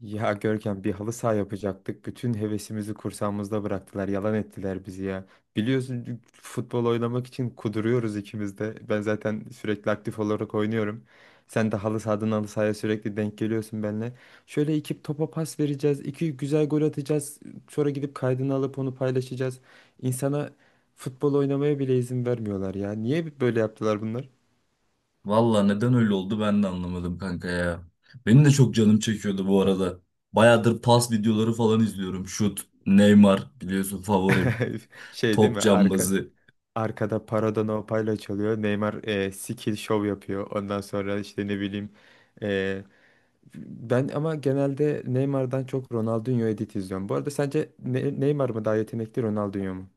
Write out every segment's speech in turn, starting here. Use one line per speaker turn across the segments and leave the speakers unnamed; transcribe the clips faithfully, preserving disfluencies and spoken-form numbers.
Ya Görkem, bir halı saha yapacaktık. Bütün hevesimizi kursağımızda bıraktılar. Yalan ettiler bizi ya. Biliyorsun futbol oynamak için kuduruyoruz ikimiz de. Ben zaten sürekli aktif olarak oynuyorum. Sen de halı sahadan halı sahaya sürekli denk geliyorsun benimle. Şöyle iki topa pas vereceğiz, iki güzel gol atacağız. Sonra gidip kaydını alıp onu paylaşacağız. İnsana futbol oynamaya bile izin vermiyorlar ya. Niye böyle yaptılar bunlar?
Valla neden öyle oldu ben de anlamadım kanka ya. Benim de çok canım çekiyordu bu arada. Bayağıdır pas videoları falan izliyorum. Şut, Neymar biliyorsun favorim.
Şey değil
Top
mi? Arka
cambazı.
Arkada Parada No Payla çalıyor. Neymar e, skill show yapıyor. Ondan sonra işte ne bileyim, e, ben ama genelde Neymar'dan çok Ronaldinho edit izliyorum. Bu arada sence Ne- Neymar mı daha yetenekli, Ronaldinho mu?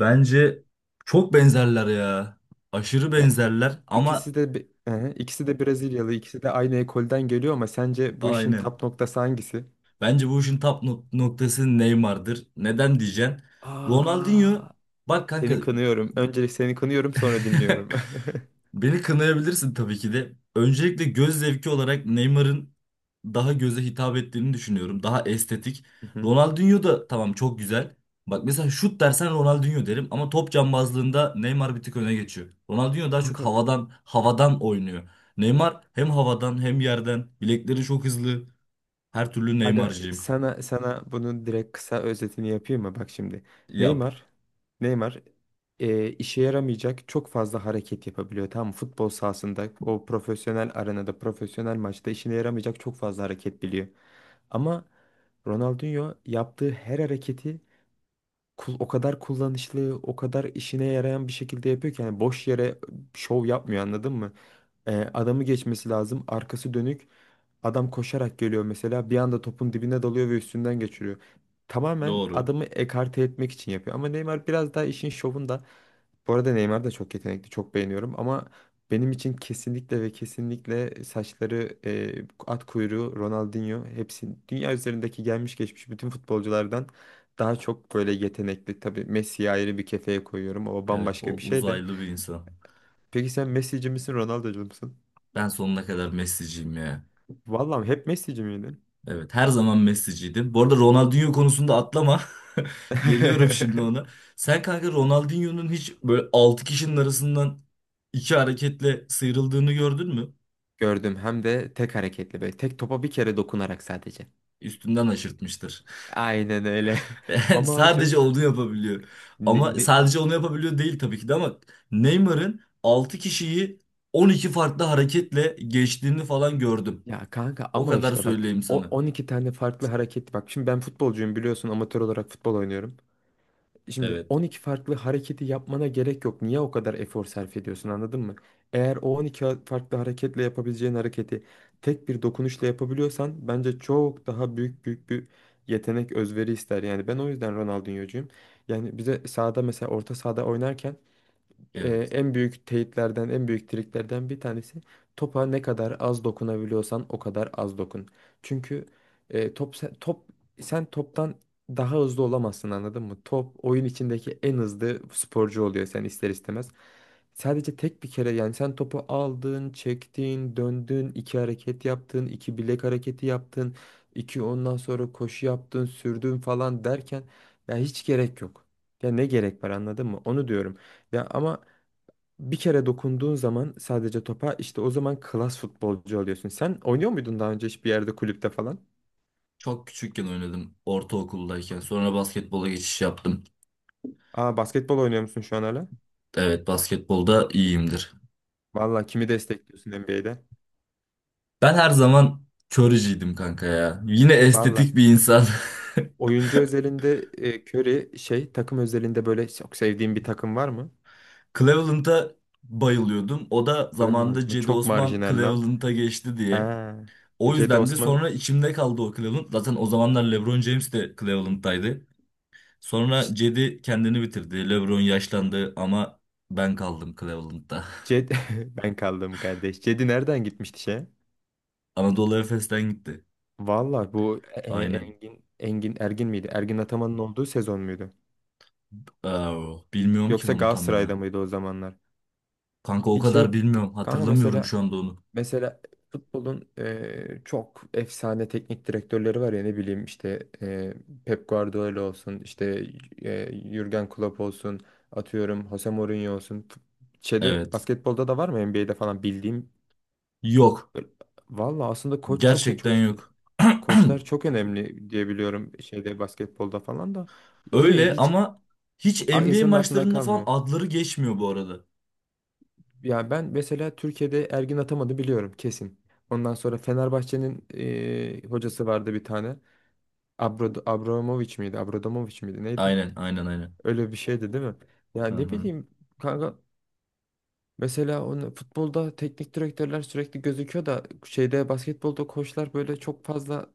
Bence çok benzerler ya. Aşırı
Ya
benzerler ama
ikisi de bi- hı hı, ikisi de Brezilyalı, ikisi de aynı ekolden geliyor ama sence bu işin
aynen.
tap noktası hangisi?
Bence bu işin tap nok- noktası Neymar'dır. Neden diyeceksin? Ronaldinho
Aa,
bak kanka.
seni kınıyorum. Öncelik seni kınıyorum, sonra dinliyorum.
Beni kınayabilirsin tabii ki de. Öncelikle göz zevki olarak Neymar'ın daha göze hitap ettiğini düşünüyorum. Daha estetik.
Hı hı.
Ronaldinho da tamam çok güzel. Bak mesela şut dersen Ronaldinho derim ama top cambazlığında Neymar bir tık öne geçiyor. Ronaldinho daha çok
Kanka
havadan havadan oynuyor. Neymar hem havadan hem yerden. Bilekleri çok hızlı. Her türlü
aga,
Neymar'cıyım.
sana sana bunun direkt kısa özetini yapayım mı? Bak şimdi.
Yap.
Neymar Neymar e, işe yaramayacak çok fazla hareket yapabiliyor. Tamam mı? Futbol sahasında, o profesyonel arenada, profesyonel maçta işine yaramayacak çok fazla hareket biliyor. Ama Ronaldinho yaptığı her hareketi kul- o kadar kullanışlı, o kadar işine yarayan bir şekilde yapıyor ki, yani boş yere şov yapmıyor, anladın mı? Ee, adamı geçmesi lazım, arkası dönük. Adam koşarak geliyor mesela, bir anda topun dibine dalıyor ve üstünden geçiriyor. Tamamen
Doğru.
adamı ekarte etmek için yapıyor. Ama Neymar biraz daha işin şovunda. Bu arada Neymar da çok yetenekli, çok beğeniyorum ama benim için kesinlikle ve kesinlikle saçları e, at kuyruğu Ronaldinho hepsi dünya üzerindeki gelmiş geçmiş bütün futbolculardan daha çok böyle yetenekli. Tabii Messi'yi ayrı bir kefeye koyuyorum. O
Evet,
bambaşka
o
bir şey de.
uzaylı bir insan.
Peki sen Messi'ci misin, Ronaldo'cu musun?
Ben sonuna kadar Messi'ciyim ya.
Vallahi, hep Messi'ci miydin?
Evet, her zaman Messi'ciydim. Bu arada Ronaldinho konusunda atlama. Geliyorum şimdi ona. Sen kanka Ronaldinho'nun hiç böyle altı kişinin arasından iki hareketle sıyrıldığını gördün mü?
Gördüm, hem de tek hareketli böyle. Tek, topa bir kere dokunarak sadece.
Üstünden aşırtmıştır.
Aynen öyle.
Yani
Ama Acun
sadece onu yapabiliyor.
ne-
Ama
ne-
sadece onu yapabiliyor değil tabii ki de ama Neymar'ın altı kişiyi on iki farklı hareketle geçtiğini falan gördüm.
ya kanka,
O
ama
kadar
işte bak,
söyleyeyim
o
sana.
on iki tane farklı hareket bak. Şimdi ben futbolcuyum, biliyorsun amatör olarak futbol oynuyorum. Şimdi
Evet.
on iki farklı hareketi yapmana gerek yok. Niye o kadar efor sarf ediyorsun, anladın mı? Eğer o on iki ha- farklı hareketle yapabileceğin hareketi tek bir dokunuşla yapabiliyorsan, bence çok daha büyük büyük bir yetenek, özveri ister. Yani ben o yüzden Ronaldinho'cuyum. Yani bize sahada, mesela orta sahada oynarken, e,
Evet.
en büyük teyitlerden, en büyük triklerden bir tanesi, topa ne kadar az dokunabiliyorsan o kadar az dokun. Çünkü e, top sen, top sen toptan daha hızlı olamazsın, anladın mı? Top oyun içindeki en hızlı sporcu oluyor, sen ister istemez. Sadece tek bir kere, yani sen topu aldın, çektin, döndün, iki hareket yaptın, iki bilek hareketi yaptın, iki ondan sonra koşu yaptın, sürdün falan derken ya hiç gerek yok. Ya ne gerek var, anladın mı? Onu diyorum. Ya ama bir kere dokunduğun zaman sadece topa, işte o zaman klas futbolcu oluyorsun. Sen oynuyor muydun daha önce hiçbir yerde, kulüpte falan?
Çok küçükken oynadım ortaokuldayken. Sonra basketbola geçiş yaptım.
Aa, basketbol oynuyor musun şu an hala?
Evet, basketbolda iyiyimdir.
Valla kimi destekliyorsun N B A'de?
Ben her zaman Curry'ciydim kanka ya. Yine
Valla,
estetik bir insan.
oyuncu özelinde e, Curry, şey, takım özelinde böyle çok sevdiğin bir takım var mı?
Cleveland'a bayılıyordum. O da
Cleveland
zamanında
mı?
Cedi
Çok
Osman
marjinal lan.
Cleveland'a geçti diye.
Ha. E,
O
Cedi
yüzden de
Osman.
sonra içimde kaldı o Cleveland. Zaten o zamanlar LeBron James de Cleveland'daydı.
Ç-
Sonra Cedi kendini bitirdi. LeBron yaşlandı ama ben kaldım Cleveland'da.
Ced ben kaldım kardeş. Cedi nereden gitmişti şeye?
Anadolu Efes'ten gitti.
Valla bu e, E,
Aynen.
Engin Engin Ergin miydi? Ergin Ataman'ın olduğu sezon muydu?
Aa, bilmiyorum ki
Yoksa
onu tam
Galatasaray'da
ya.
mıydı o zamanlar?
Kanka o
Bir şey
kadar bilmiyorum.
kanka,
Hatırlamıyorum
mesela
şu anda onu.
mesela futbolun e, çok efsane teknik direktörleri var ya, ne bileyim işte e, Pep Guardiola olsun, işte e, Jürgen Klopp olsun, atıyorum Jose Mourinho olsun. F- Şeyde,
Evet.
basketbolda da var mı N B A'de falan bildiğim?
Yok.
Valla aslında koç çok
Gerçekten
koç,
yok.
koçlar çok önemli diye biliyorum şeyde, basketbolda falan da, değil mi?
Öyle
Hiç
ama hiç
a-
N B A
insanın aklında
maçlarında falan
kalmıyor.
adları geçmiyor bu arada.
Ya ben mesela Türkiye'de Ergin atamadı biliyorum kesin. Ondan sonra Fenerbahçe'nin eee, hocası vardı bir tane. Abro, Abramovich miydi? Abramovich miydi? Neydi?
Aynen, aynen, aynen.
Öyle bir şeydi değil mi? Ya
Hı
ne
hı.
bileyim kanka, mesela onu, futbolda teknik direktörler sürekli gözüküyor da şeyde, basketbolda koçlar böyle çok fazla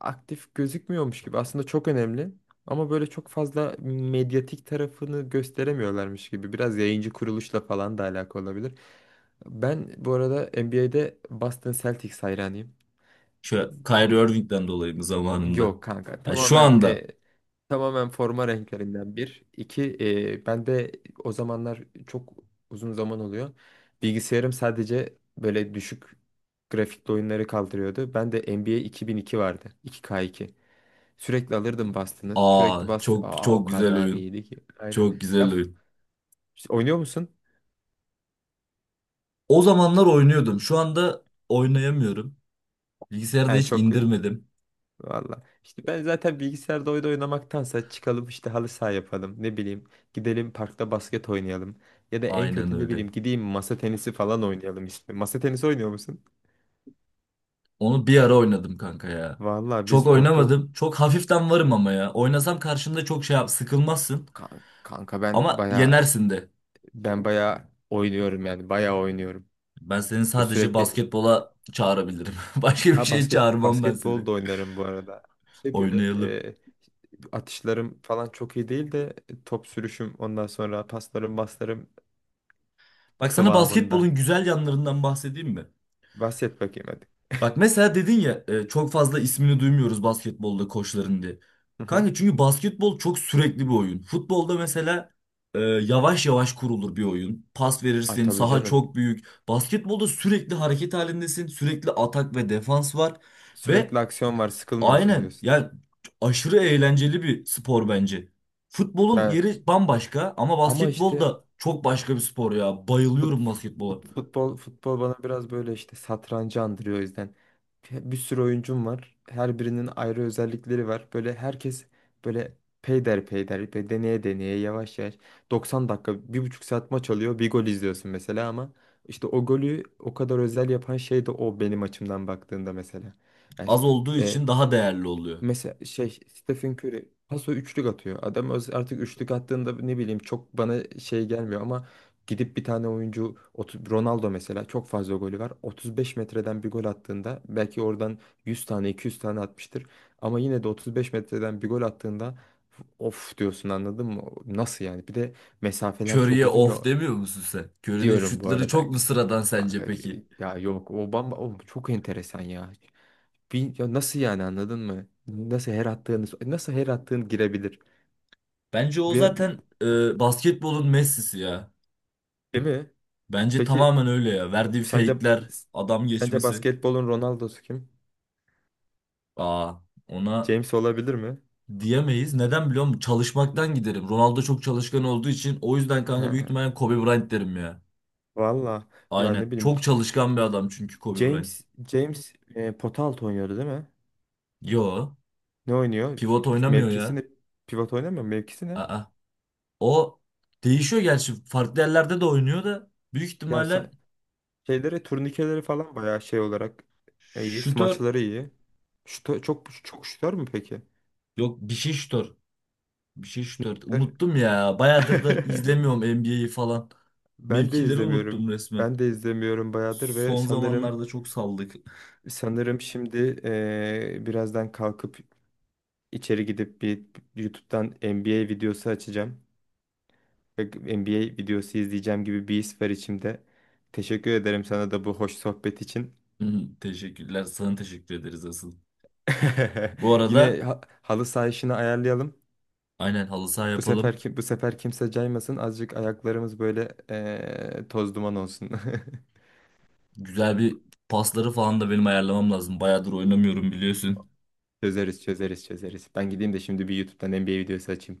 aktif gözükmüyormuş gibi. Aslında çok önemli ama böyle çok fazla medyatik tarafını gösteremiyorlarmış gibi. Biraz yayıncı kuruluşla falan da alakalı olabilir. Ben bu arada N B A'de Boston Celtics hayranıyım.
Şu Kyrie Irving'den dolayı mı zamanında?
Yok kanka,
Ha, şu
tamamen
anda.
e, tamamen forma renklerinden bir. İki, e, ben de o zamanlar çok, uzun zaman oluyor. Bilgisayarım sadece böyle düşük grafikli oyunları kaldırıyordu. Ben de N B A iki bin iki vardı. iki K iki. Sürekli alırdım bastını.
Aa,
Sürekli bastı.
çok
Aa, o
çok güzel
kadar
oyun.
iyiydi ki. Aynen.
Çok
Ya
güzel
f-
oyun.
oynuyor musun?
O zamanlar oynuyordum. Şu anda oynayamıyorum. Bilgisayarda
Yani
hiç
çok.
indirmedim.
Valla. İşte ben zaten bilgisayarda oyun oynamaktansa çıkalım işte, halı saha yapalım. Ne bileyim, gidelim parkta basket oynayalım. Ya da en
Aynen
kötü ne
öyle.
bileyim, gideyim masa tenisi falan oynayalım işte. Masa tenisi oynuyor musun?
Onu bir ara oynadım kanka ya.
Valla
Çok
biz orta.
oynamadım. Çok hafiften varım ama ya. Oynasam karşında çok şey yap, sıkılmazsın.
Kan- kanka ben
Ama
baya
yenersin de.
ben baya oynuyorum, yani baya oynuyorum.
Ben seni
Böyle
sadece
sürekli,
basketbola çağırabilirim. Başka bir
ha,
şeye
basket
çağırmam ben seni.
basketbol da oynarım bu arada. Şey böyle,
Oynayalım.
e, atışlarım falan çok iyi değil de, top sürüşüm, ondan sonra paslarım paslarım
Bak sana
kıvamında.
basketbolun güzel yanlarından bahsedeyim mi?
Bahset bakayım hadi.
Bak mesela dedin ya e, çok fazla ismini duymuyoruz basketbolda koçların diye.
Hı hı.
Kanka çünkü basketbol çok sürekli bir oyun. Futbolda mesela e, yavaş yavaş kurulur bir oyun. Pas
Ay
verirsin,
tabii
saha
canım.
çok büyük. Basketbolda sürekli hareket halindesin. Sürekli atak ve defans var.
Sürekli
Ve
aksiyon var, sıkılmıyorsun
aynen.
diyorsun.
Yani aşırı eğlenceli bir spor bence. Futbolun
Yani
yeri bambaşka ama
ama
basketbol
işte,
da çok başka bir spor ya.
fut,
Bayılıyorum basketbola.
fut- futbol futbol bana biraz böyle işte satrancı andırıyor o yüzden. Bir sürü oyuncum var. Her birinin ayrı özellikleri var. Böyle herkes böyle peyder peyder ve deneye deneye yavaş yavaş, doksan dakika, bir buçuk saat maç oluyor. Bir gol izliyorsun mesela ama işte o golü o kadar özel yapan şey de o, benim açımdan baktığında mesela. Yani
Az olduğu
e,
için daha değerli oluyor.
mesela şey, Stephen Curry paso üçlük atıyor. Adam öz- artık üçlük attığında ne bileyim çok bana şey gelmiyor ama gidip bir tane oyuncu otu- Ronaldo mesela, çok fazla golü var. otuz beş metreden bir gol attığında belki oradan yüz tane iki yüz tane atmıştır. Ama yine de otuz beş metreden bir gol attığında of diyorsun, anladın mı? Nasıl yani? Bir de mesafeler çok
Curry'e
uzun ya,
of demiyor musun sen? Curry'nin
diyorum bu
şutları
arada.
çok mu sıradan sence peki?
Hakikaten- Ya yok, o bamba o çok enteresan ya. Bin- ya nasıl yani, anladın mı? Nasıl her attığınız nasıl her attığın girebilir?
Bence o
Bir- bir-
zaten e, basketbolun Messi'si ya.
Değil mi?
Bence
Peki
tamamen öyle ya. Verdiği
sence
fake'ler, adam
sence
geçmesi.
basketbolun Ronaldo'su kim?
Aa, ona
James olabilir mi?
diyemeyiz. Neden biliyor musun? Çalışmaktan giderim. Ronaldo çok çalışkan olduğu için o yüzden
He,
kanka büyük ihtimalle Kobe Bryant derim ya.
valla ya ne
Aynen.
bileyim,
Çok çalışkan bir adam çünkü Kobe Bryant.
James James e, pota altı oynuyordu değil mi?
Yo.
Ne oynuyor?
Pivot oynamıyor
Mevkisi
ya.
ne? Pivot oynamıyor mu? Mevkisi ne?
Aa. O değişiyor gerçi. Farklı yerlerde de oynuyor da büyük
Ya sen
ihtimalle
şeyleri, turnikeleri falan bayağı şey olarak e, iyi.
şutör.
Smaçları iyi. Şuta, çok çok şutör mü peki?
Yok bir şey şutör. Bir şey
Ne
şutör.
şutör?
Unuttum ya. Bayağıdır da izlemiyorum N B A'yi falan.
Ben de
Mevkileri
izlemiyorum.
unuttum resmen.
Ben de izlemiyorum bayağıdır ve
Son
sanırım
zamanlarda çok saldık.
sanırım şimdi eee, birazdan kalkıp içeri gidip bir YouTube'dan N B A videosu açacağım ve N B A videosu izleyeceğim gibi bir his var içimde. Teşekkür ederim sana da bu hoş sohbet için.
Teşekkürler. Sana teşekkür ederiz asıl. Bu arada
Yine ha- halı saha işini ayarlayalım.
aynen halı saha
Bu sefer
yapalım.
ki bu sefer kimse caymasın. Azıcık ayaklarımız böyle eee, toz duman olsun.
Güzel bir pasları falan da benim ayarlamam lazım. Bayağıdır oynamıyorum biliyorsun.
Çözeriz, çözeriz, çözeriz. Ben gideyim de şimdi bir YouTube'dan N B A videosu açayım.